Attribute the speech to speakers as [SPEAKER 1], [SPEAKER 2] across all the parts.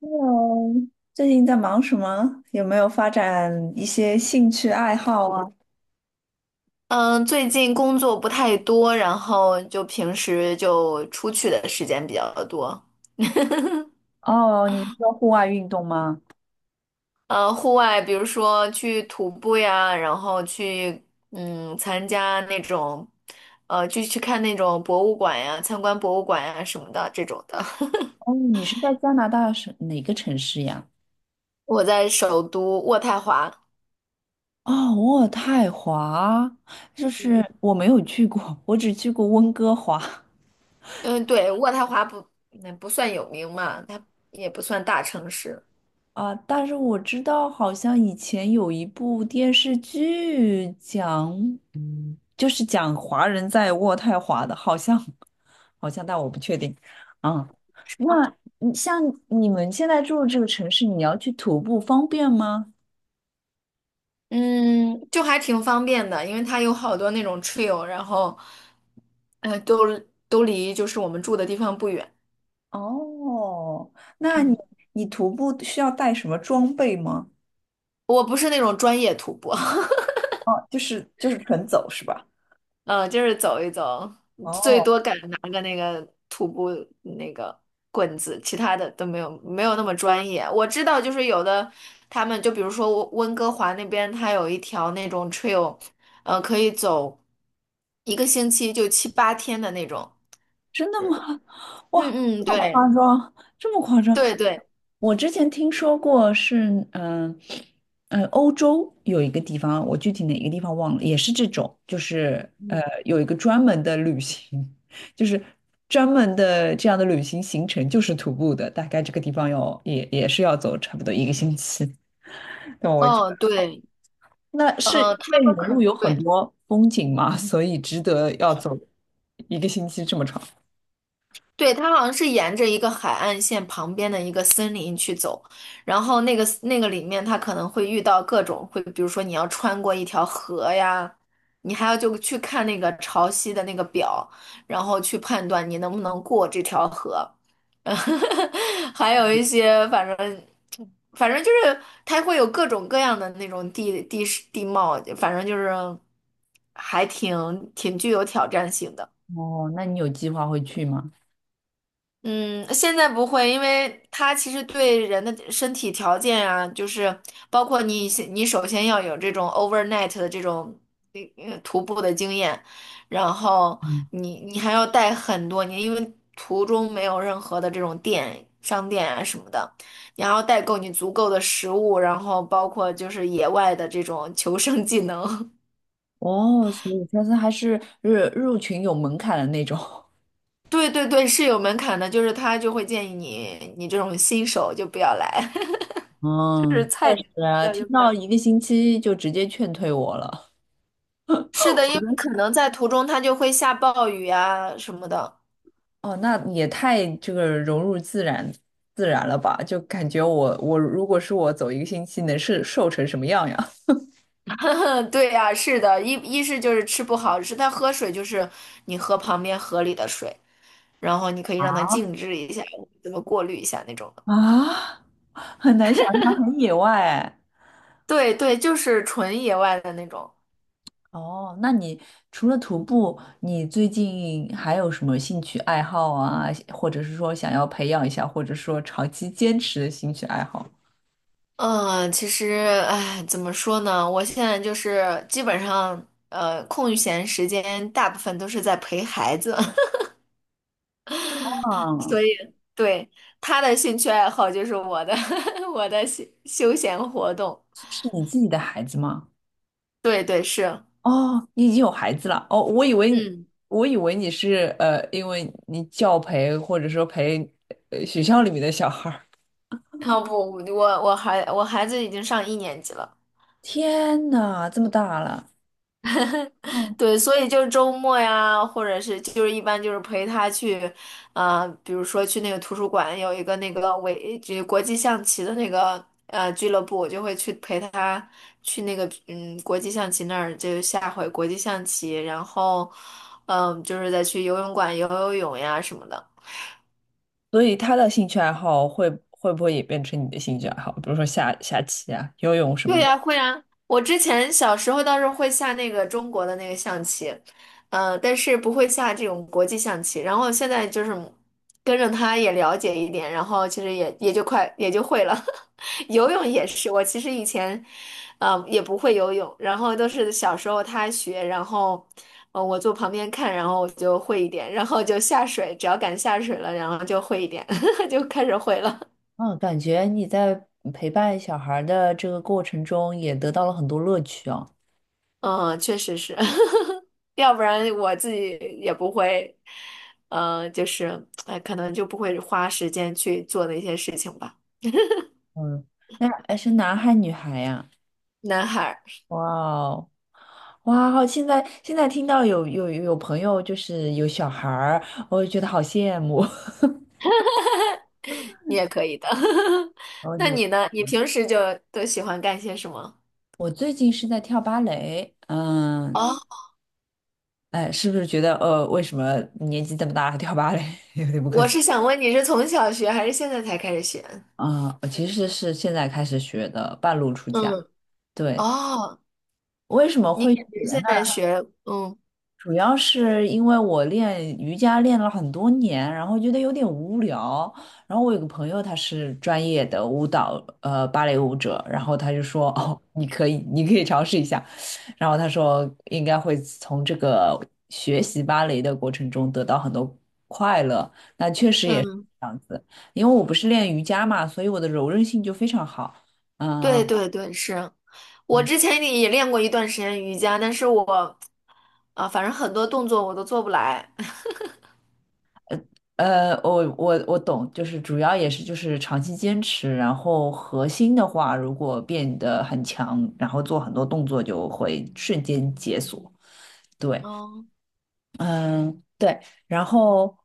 [SPEAKER 1] Hello，最近在忙什么？有没有发展一些兴趣爱好啊？
[SPEAKER 2] 嗯，最近工作不太多，然后就平时就出去的时间比较多。
[SPEAKER 1] 哦，你是说户外运动吗？
[SPEAKER 2] 户外，比如说去徒步呀，然后去参加那种，就去看那种博物馆呀，参观博物馆呀什么的这种的。
[SPEAKER 1] 哦，你是在加拿大是哪个城市呀？
[SPEAKER 2] 我在首都渥太华，
[SPEAKER 1] 哦，渥太华，就
[SPEAKER 2] 嗯
[SPEAKER 1] 是我没有去过，我只去过温哥华。
[SPEAKER 2] 嗯，对，渥太华不那不算有名嘛，它也不算大城市。
[SPEAKER 1] 啊，但是我知道，好像以前有一部电视剧讲，就是讲华人在渥太华的，好像，好像，但我不确定。啊，那你像你们现在住的这个城市，你要去徒步方便吗？
[SPEAKER 2] 嗯，就还挺方便的，因为它有好多那种 trail，然后，呃，都都离就是我们住的地方不远。
[SPEAKER 1] 哦，那你
[SPEAKER 2] 嗯，
[SPEAKER 1] 你徒步需要带什么装备吗？
[SPEAKER 2] 我不是那种专业徒步，
[SPEAKER 1] 哦，就是纯走是吧？
[SPEAKER 2] 嗯，就是走一走，最
[SPEAKER 1] 哦，
[SPEAKER 2] 多敢拿个那个徒步那个棍子，其他的都没有那么专业。我知道，就是有的他们就比如说温哥华那边，它有一条那种 trail，可以走一个星期就七八天的那种。
[SPEAKER 1] 真的吗？哇，
[SPEAKER 2] 嗯嗯，
[SPEAKER 1] 这么
[SPEAKER 2] 对。
[SPEAKER 1] 夸张，这么夸张！
[SPEAKER 2] 对对，
[SPEAKER 1] 我之前听说过是，欧洲有一个地方，我具体哪个地方忘了，也是这种，就是
[SPEAKER 2] 嗯，
[SPEAKER 1] 有一个专门的旅行，就是专门的这样的旅行行程，就是徒步的，大概这个地方要也是要走差不多一个星期。那我觉
[SPEAKER 2] 哦，
[SPEAKER 1] 得，
[SPEAKER 2] 对，
[SPEAKER 1] 那是因
[SPEAKER 2] 呃，他
[SPEAKER 1] 为你
[SPEAKER 2] 们
[SPEAKER 1] 的
[SPEAKER 2] 可
[SPEAKER 1] 路有很
[SPEAKER 2] 对，
[SPEAKER 1] 多风景嘛，所以值得要走一个星期这么长。
[SPEAKER 2] 对，它好像是沿着一个海岸线旁边的一个森林去走，然后那个里面，它可能会遇到各种会，比如说你要穿过一条河呀，你还要就去看那个潮汐的那个表，然后去判断你能不能过这条河，还有一些反正就是它会有各种各样的那种地势地貌，反正就是还挺具有挑战性的。
[SPEAKER 1] 哦，那你有计划会去吗？
[SPEAKER 2] 嗯，现在不会，因为它其实对人的身体条件啊，就是包括你首先要有这种 overnight 的这种徒步的经验，然后
[SPEAKER 1] 嗯，
[SPEAKER 2] 你还要带很多年，因为途中没有任何的这种店、商店啊什么的，你还要带够你足够的食物，然后包括就是野外的这种求生技能。
[SPEAKER 1] 哦，所以它是还是入群有门槛的那种。
[SPEAKER 2] 对对对，是有门槛的，就是他就会建议你，你这种新手就不要来。就是
[SPEAKER 1] 嗯，
[SPEAKER 2] 菜的，
[SPEAKER 1] 对啊，听
[SPEAKER 2] 对
[SPEAKER 1] 到
[SPEAKER 2] 吧？
[SPEAKER 1] 一个星期就直接劝退我了。
[SPEAKER 2] 是的，因为可能在途中它就会下暴雨啊什么的。
[SPEAKER 1] 哦，那也太这个融入自然了吧？就感觉我如果是我走一个星期，能是瘦成什么样呀？
[SPEAKER 2] 对呀，是的，一是就是吃不好，是它喝水就是你喝旁边河里的水，然后你可以让它静置一下，怎么过滤一下那种的。
[SPEAKER 1] 啊，很难想象，很野外哎。
[SPEAKER 2] 对对，就是纯野外的那种。
[SPEAKER 1] 哦，那你除了徒步，你最近还有什么兴趣爱好啊？或者是说想要培养一下，或者说长期坚持的兴趣爱好？
[SPEAKER 2] 嗯，其实，哎，怎么说呢？我现在就是基本上，空闲时间大部分都是在陪孩子。所
[SPEAKER 1] 嗯，
[SPEAKER 2] 以，对，他的兴趣爱好就是我的 我的休闲活动。
[SPEAKER 1] 是你自己的孩子吗？
[SPEAKER 2] 对对是，
[SPEAKER 1] 哦，你已经有孩子了。哦，我以为
[SPEAKER 2] 嗯，
[SPEAKER 1] 我以为你是因为你教培或者说陪学校里面的小孩儿。
[SPEAKER 2] 然后不，我孩子已经上一年级了。
[SPEAKER 1] 天呐，这么大了。嗯，
[SPEAKER 2] 对，所以就是周末呀，或者是就是一般就是陪他去，比如说去那个图书馆有一个那个这国际象棋的那个俱乐部，我就会去陪他去那个国际象棋那儿，就是下会国际象棋，然后就是再去游泳馆游泳呀什么的。
[SPEAKER 1] 所以他的兴趣爱好会不会也变成你的兴趣爱好？比如说下棋啊、游泳什么
[SPEAKER 2] 对
[SPEAKER 1] 的。
[SPEAKER 2] 呀，会啊。我之前小时候倒是会下那个中国的那个象棋，但是不会下这种国际象棋。然后现在就是跟着他也了解一点，然后其实也就快也就会了。游泳也是，我其实以前，也不会游泳，然后都是小时候他学，然后，我坐旁边看，然后我就会一点，然后就下水，只要敢下水了，然后就会一点，就开始会了。
[SPEAKER 1] 嗯，感觉你在陪伴小孩儿的这个过程中也得到了很多乐趣哦。
[SPEAKER 2] 嗯，确实是，要不然我自己也不会，就是，哎，可能就不会花时间去做那些事情吧。
[SPEAKER 1] 嗯，那哎是男孩女孩呀？
[SPEAKER 2] 男孩儿，
[SPEAKER 1] 哇哦，哇哦！现在听到有朋友就是有小孩儿，我就觉得好羡慕。
[SPEAKER 2] 你也可以的。
[SPEAKER 1] 我
[SPEAKER 2] 那
[SPEAKER 1] 努，
[SPEAKER 2] 你呢？你平时就都喜欢干些什么？
[SPEAKER 1] 我最近是在跳芭蕾，嗯，
[SPEAKER 2] 哦，
[SPEAKER 1] 哎，是不是觉得为什么年纪这么大还跳芭蕾，有点不可
[SPEAKER 2] 我
[SPEAKER 1] 思议
[SPEAKER 2] 是想问你是从小学还是现在才开始学？
[SPEAKER 1] 啊？我其实是现在开始学的，半路出家。
[SPEAKER 2] 嗯，
[SPEAKER 1] 对，
[SPEAKER 2] 哦，
[SPEAKER 1] 为什么
[SPEAKER 2] 你
[SPEAKER 1] 会
[SPEAKER 2] 感
[SPEAKER 1] 选？
[SPEAKER 2] 觉现在学，嗯
[SPEAKER 1] 主要是因为我练瑜伽练了很多年，然后觉得有点无聊。然后我有个朋友，他是专业的舞蹈，芭蕾舞者，然后他就说：“哦，你可以，你可以尝试一下。”然后他说应该会从这个学习芭蕾的过程中得到很多快乐。那确实也是，
[SPEAKER 2] 嗯。
[SPEAKER 1] 因为我不是练瑜伽嘛，所以我的柔韧性就非常好。嗯、
[SPEAKER 2] 对对对，是我之前也练过一段时间瑜伽，但是我啊，反正很多动作我都做不来。
[SPEAKER 1] 我懂，就是主要也是就是长期坚持，然后核心的话，如果变得很强，然后做很多动作就会瞬间解锁。对，
[SPEAKER 2] 嗯
[SPEAKER 1] 嗯，对，然后，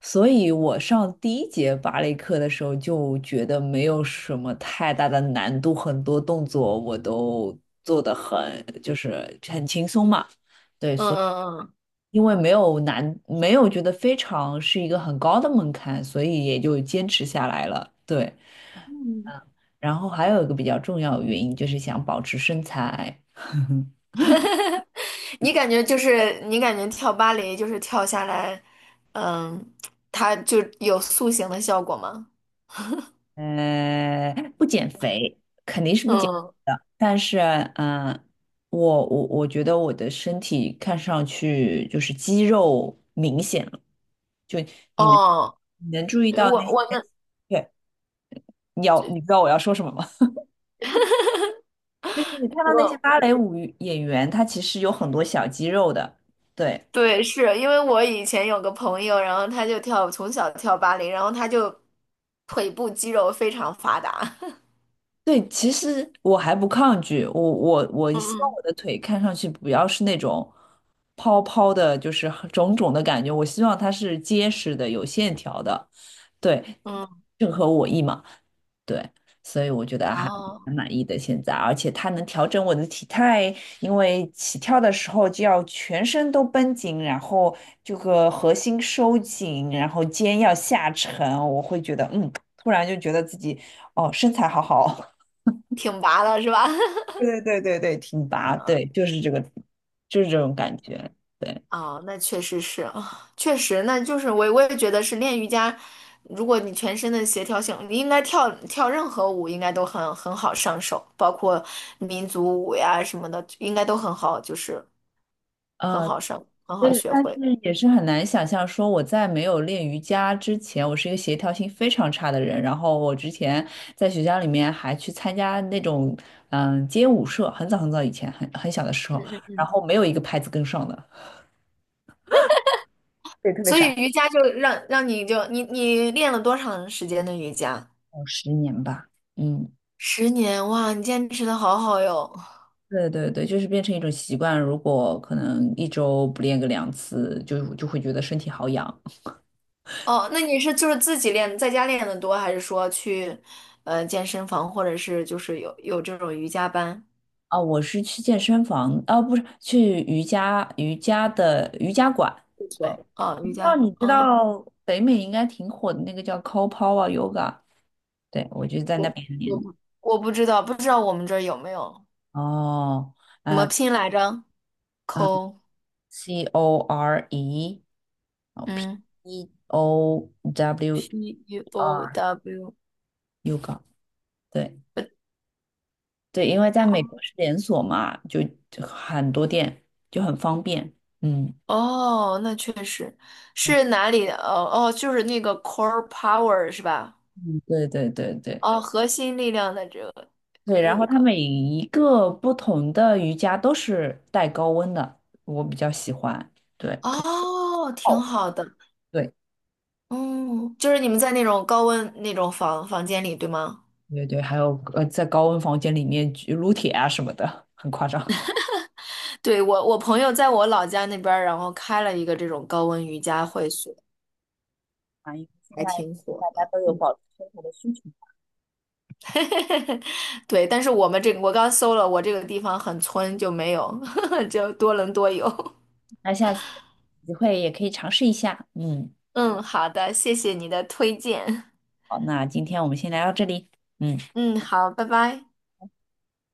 [SPEAKER 1] 所以我上第一节芭蕾课的时候就觉得没有什么太大的难度，很多动作我都做得很，就是很轻松嘛。
[SPEAKER 2] 嗯嗯
[SPEAKER 1] 因为没有难，没有觉得非常是一个很高的门槛，所以也就坚持下来了。对，
[SPEAKER 2] 嗯，
[SPEAKER 1] 然后还有一个比较重要的原因就是想保持身材，
[SPEAKER 2] 你感觉跳芭蕾就是跳下来，嗯，它就有塑形的效果吗？
[SPEAKER 1] 不减肥肯定是不减肥
[SPEAKER 2] 嗯，
[SPEAKER 1] 的，但是，嗯、我觉得我的身体看上去就是肌肉明显了，就你能
[SPEAKER 2] 哦，
[SPEAKER 1] 你能注意
[SPEAKER 2] 对
[SPEAKER 1] 到
[SPEAKER 2] 我
[SPEAKER 1] 那些，
[SPEAKER 2] 我那
[SPEAKER 1] 对，你
[SPEAKER 2] 就
[SPEAKER 1] 知道我要说什么吗？就是你看到那些
[SPEAKER 2] 我
[SPEAKER 1] 芭蕾舞演员，他其实有很多小肌肉的。对
[SPEAKER 2] 对，是因为我以前有个朋友，然后他就从小跳芭蕾，然后他就腿部肌肉非常发达。
[SPEAKER 1] 对，其实我还不抗拒，我我 我
[SPEAKER 2] 嗯
[SPEAKER 1] 希望
[SPEAKER 2] 嗯
[SPEAKER 1] 我的腿看上去不要是那种泡泡的，就是很肿肿的感觉，我希望它是结实的、有线条的，对，
[SPEAKER 2] 嗯。
[SPEAKER 1] 正合我意嘛。对，所以我觉得
[SPEAKER 2] 然
[SPEAKER 1] 还
[SPEAKER 2] 后
[SPEAKER 1] 蛮满意的现在，而且它能调整我的体态，因为起跳的时候就要全身都绷紧，然后这个核心收紧，然后肩要下沉，我会觉得突然就觉得自己哦身材好好，
[SPEAKER 2] 挺拔了是吧？
[SPEAKER 1] 对对对对对，挺拔，对，就是这个，就是这种感觉，对。
[SPEAKER 2] 哦，那确实是啊，确实，那就是我也觉得是练瑜伽，如果你全身的协调性，你应该跳任何舞应该都很好上手，包括民族舞呀什么的，应该都很好，就是很
[SPEAKER 1] 呃
[SPEAKER 2] 好上，很好
[SPEAKER 1] 对，
[SPEAKER 2] 学
[SPEAKER 1] 但是
[SPEAKER 2] 会。
[SPEAKER 1] 也是很难想象，说我在没有练瑜伽之前，我是一个协调性非常差的人。然后我之前在学校里面还去参加那种街舞社，很早很早以前，很小的时
[SPEAKER 2] 嗯
[SPEAKER 1] 候，
[SPEAKER 2] 嗯
[SPEAKER 1] 然
[SPEAKER 2] 嗯。
[SPEAKER 1] 后没有一个拍子跟上的，对，特别
[SPEAKER 2] 所以
[SPEAKER 1] 傻。
[SPEAKER 2] 瑜伽就让你就你练了多长时间的瑜伽？
[SPEAKER 1] 有10年吧。嗯，
[SPEAKER 2] 10年，哇，你坚持的好好哟。
[SPEAKER 1] 对对对，就是变成一种习惯。如果可能一周不练个2次，就会觉得身体好痒
[SPEAKER 2] 哦，那你是就是自己练，在家练的多，还是说去健身房，或者是就是有这种瑜伽班？
[SPEAKER 1] 啊。我是去健身房，啊，不是去瑜伽的瑜伽馆。
[SPEAKER 2] 不错，
[SPEAKER 1] 对。
[SPEAKER 2] 啊，
[SPEAKER 1] 不
[SPEAKER 2] 瑜
[SPEAKER 1] 知道
[SPEAKER 2] 伽，
[SPEAKER 1] 你知
[SPEAKER 2] 啊，
[SPEAKER 1] 道北美应该挺火的那个叫 Copower Yoga，对，我就在那
[SPEAKER 2] 我
[SPEAKER 1] 边练。
[SPEAKER 2] 我不我不知道，不知道我们这儿有没有
[SPEAKER 1] 哦，
[SPEAKER 2] 怎么
[SPEAKER 1] 呃
[SPEAKER 2] 拼来着
[SPEAKER 1] 呃
[SPEAKER 2] ？Co，
[SPEAKER 1] ，CORE，哦，P
[SPEAKER 2] 嗯
[SPEAKER 1] E O W E
[SPEAKER 2] ，P U O
[SPEAKER 1] R
[SPEAKER 2] W，
[SPEAKER 1] Yoga，对
[SPEAKER 2] 呃
[SPEAKER 1] 对，因为在美国是连锁嘛，就很多店就很方便。嗯
[SPEAKER 2] 哦，那确实
[SPEAKER 1] 嗯，
[SPEAKER 2] 是哪里的？哦哦，就是那个 Core Power 是吧？
[SPEAKER 1] 嗯对对对对
[SPEAKER 2] 哦，核心力量的这个
[SPEAKER 1] 对，然后
[SPEAKER 2] 有
[SPEAKER 1] 它
[SPEAKER 2] 个
[SPEAKER 1] 每一个不同的瑜伽都是带高温的，我比较喜欢。对，可以
[SPEAKER 2] 哦，挺
[SPEAKER 1] 泡。
[SPEAKER 2] 好的。
[SPEAKER 1] 对。
[SPEAKER 2] 哦，就是你们在那种高温那种房间里，对吗？
[SPEAKER 1] 对对，还有在高温房间里面举撸铁啊什么的，很夸张。
[SPEAKER 2] 对，我朋友在我老家那边儿，然后开了一个这种高温瑜伽会所，
[SPEAKER 1] 啊，因为现
[SPEAKER 2] 还
[SPEAKER 1] 在
[SPEAKER 2] 挺火
[SPEAKER 1] 大家
[SPEAKER 2] 的。
[SPEAKER 1] 都有
[SPEAKER 2] 嗯，
[SPEAKER 1] 保持生活的需求，
[SPEAKER 2] 对，但是我刚搜了，我这个地方很村，就没有，就多伦多有。
[SPEAKER 1] 那下次有机会也可以尝试一下。嗯，
[SPEAKER 2] 嗯，好的，谢谢你的推荐。
[SPEAKER 1] 好，那今天我们先聊到这里。嗯。
[SPEAKER 2] 嗯，好，拜拜。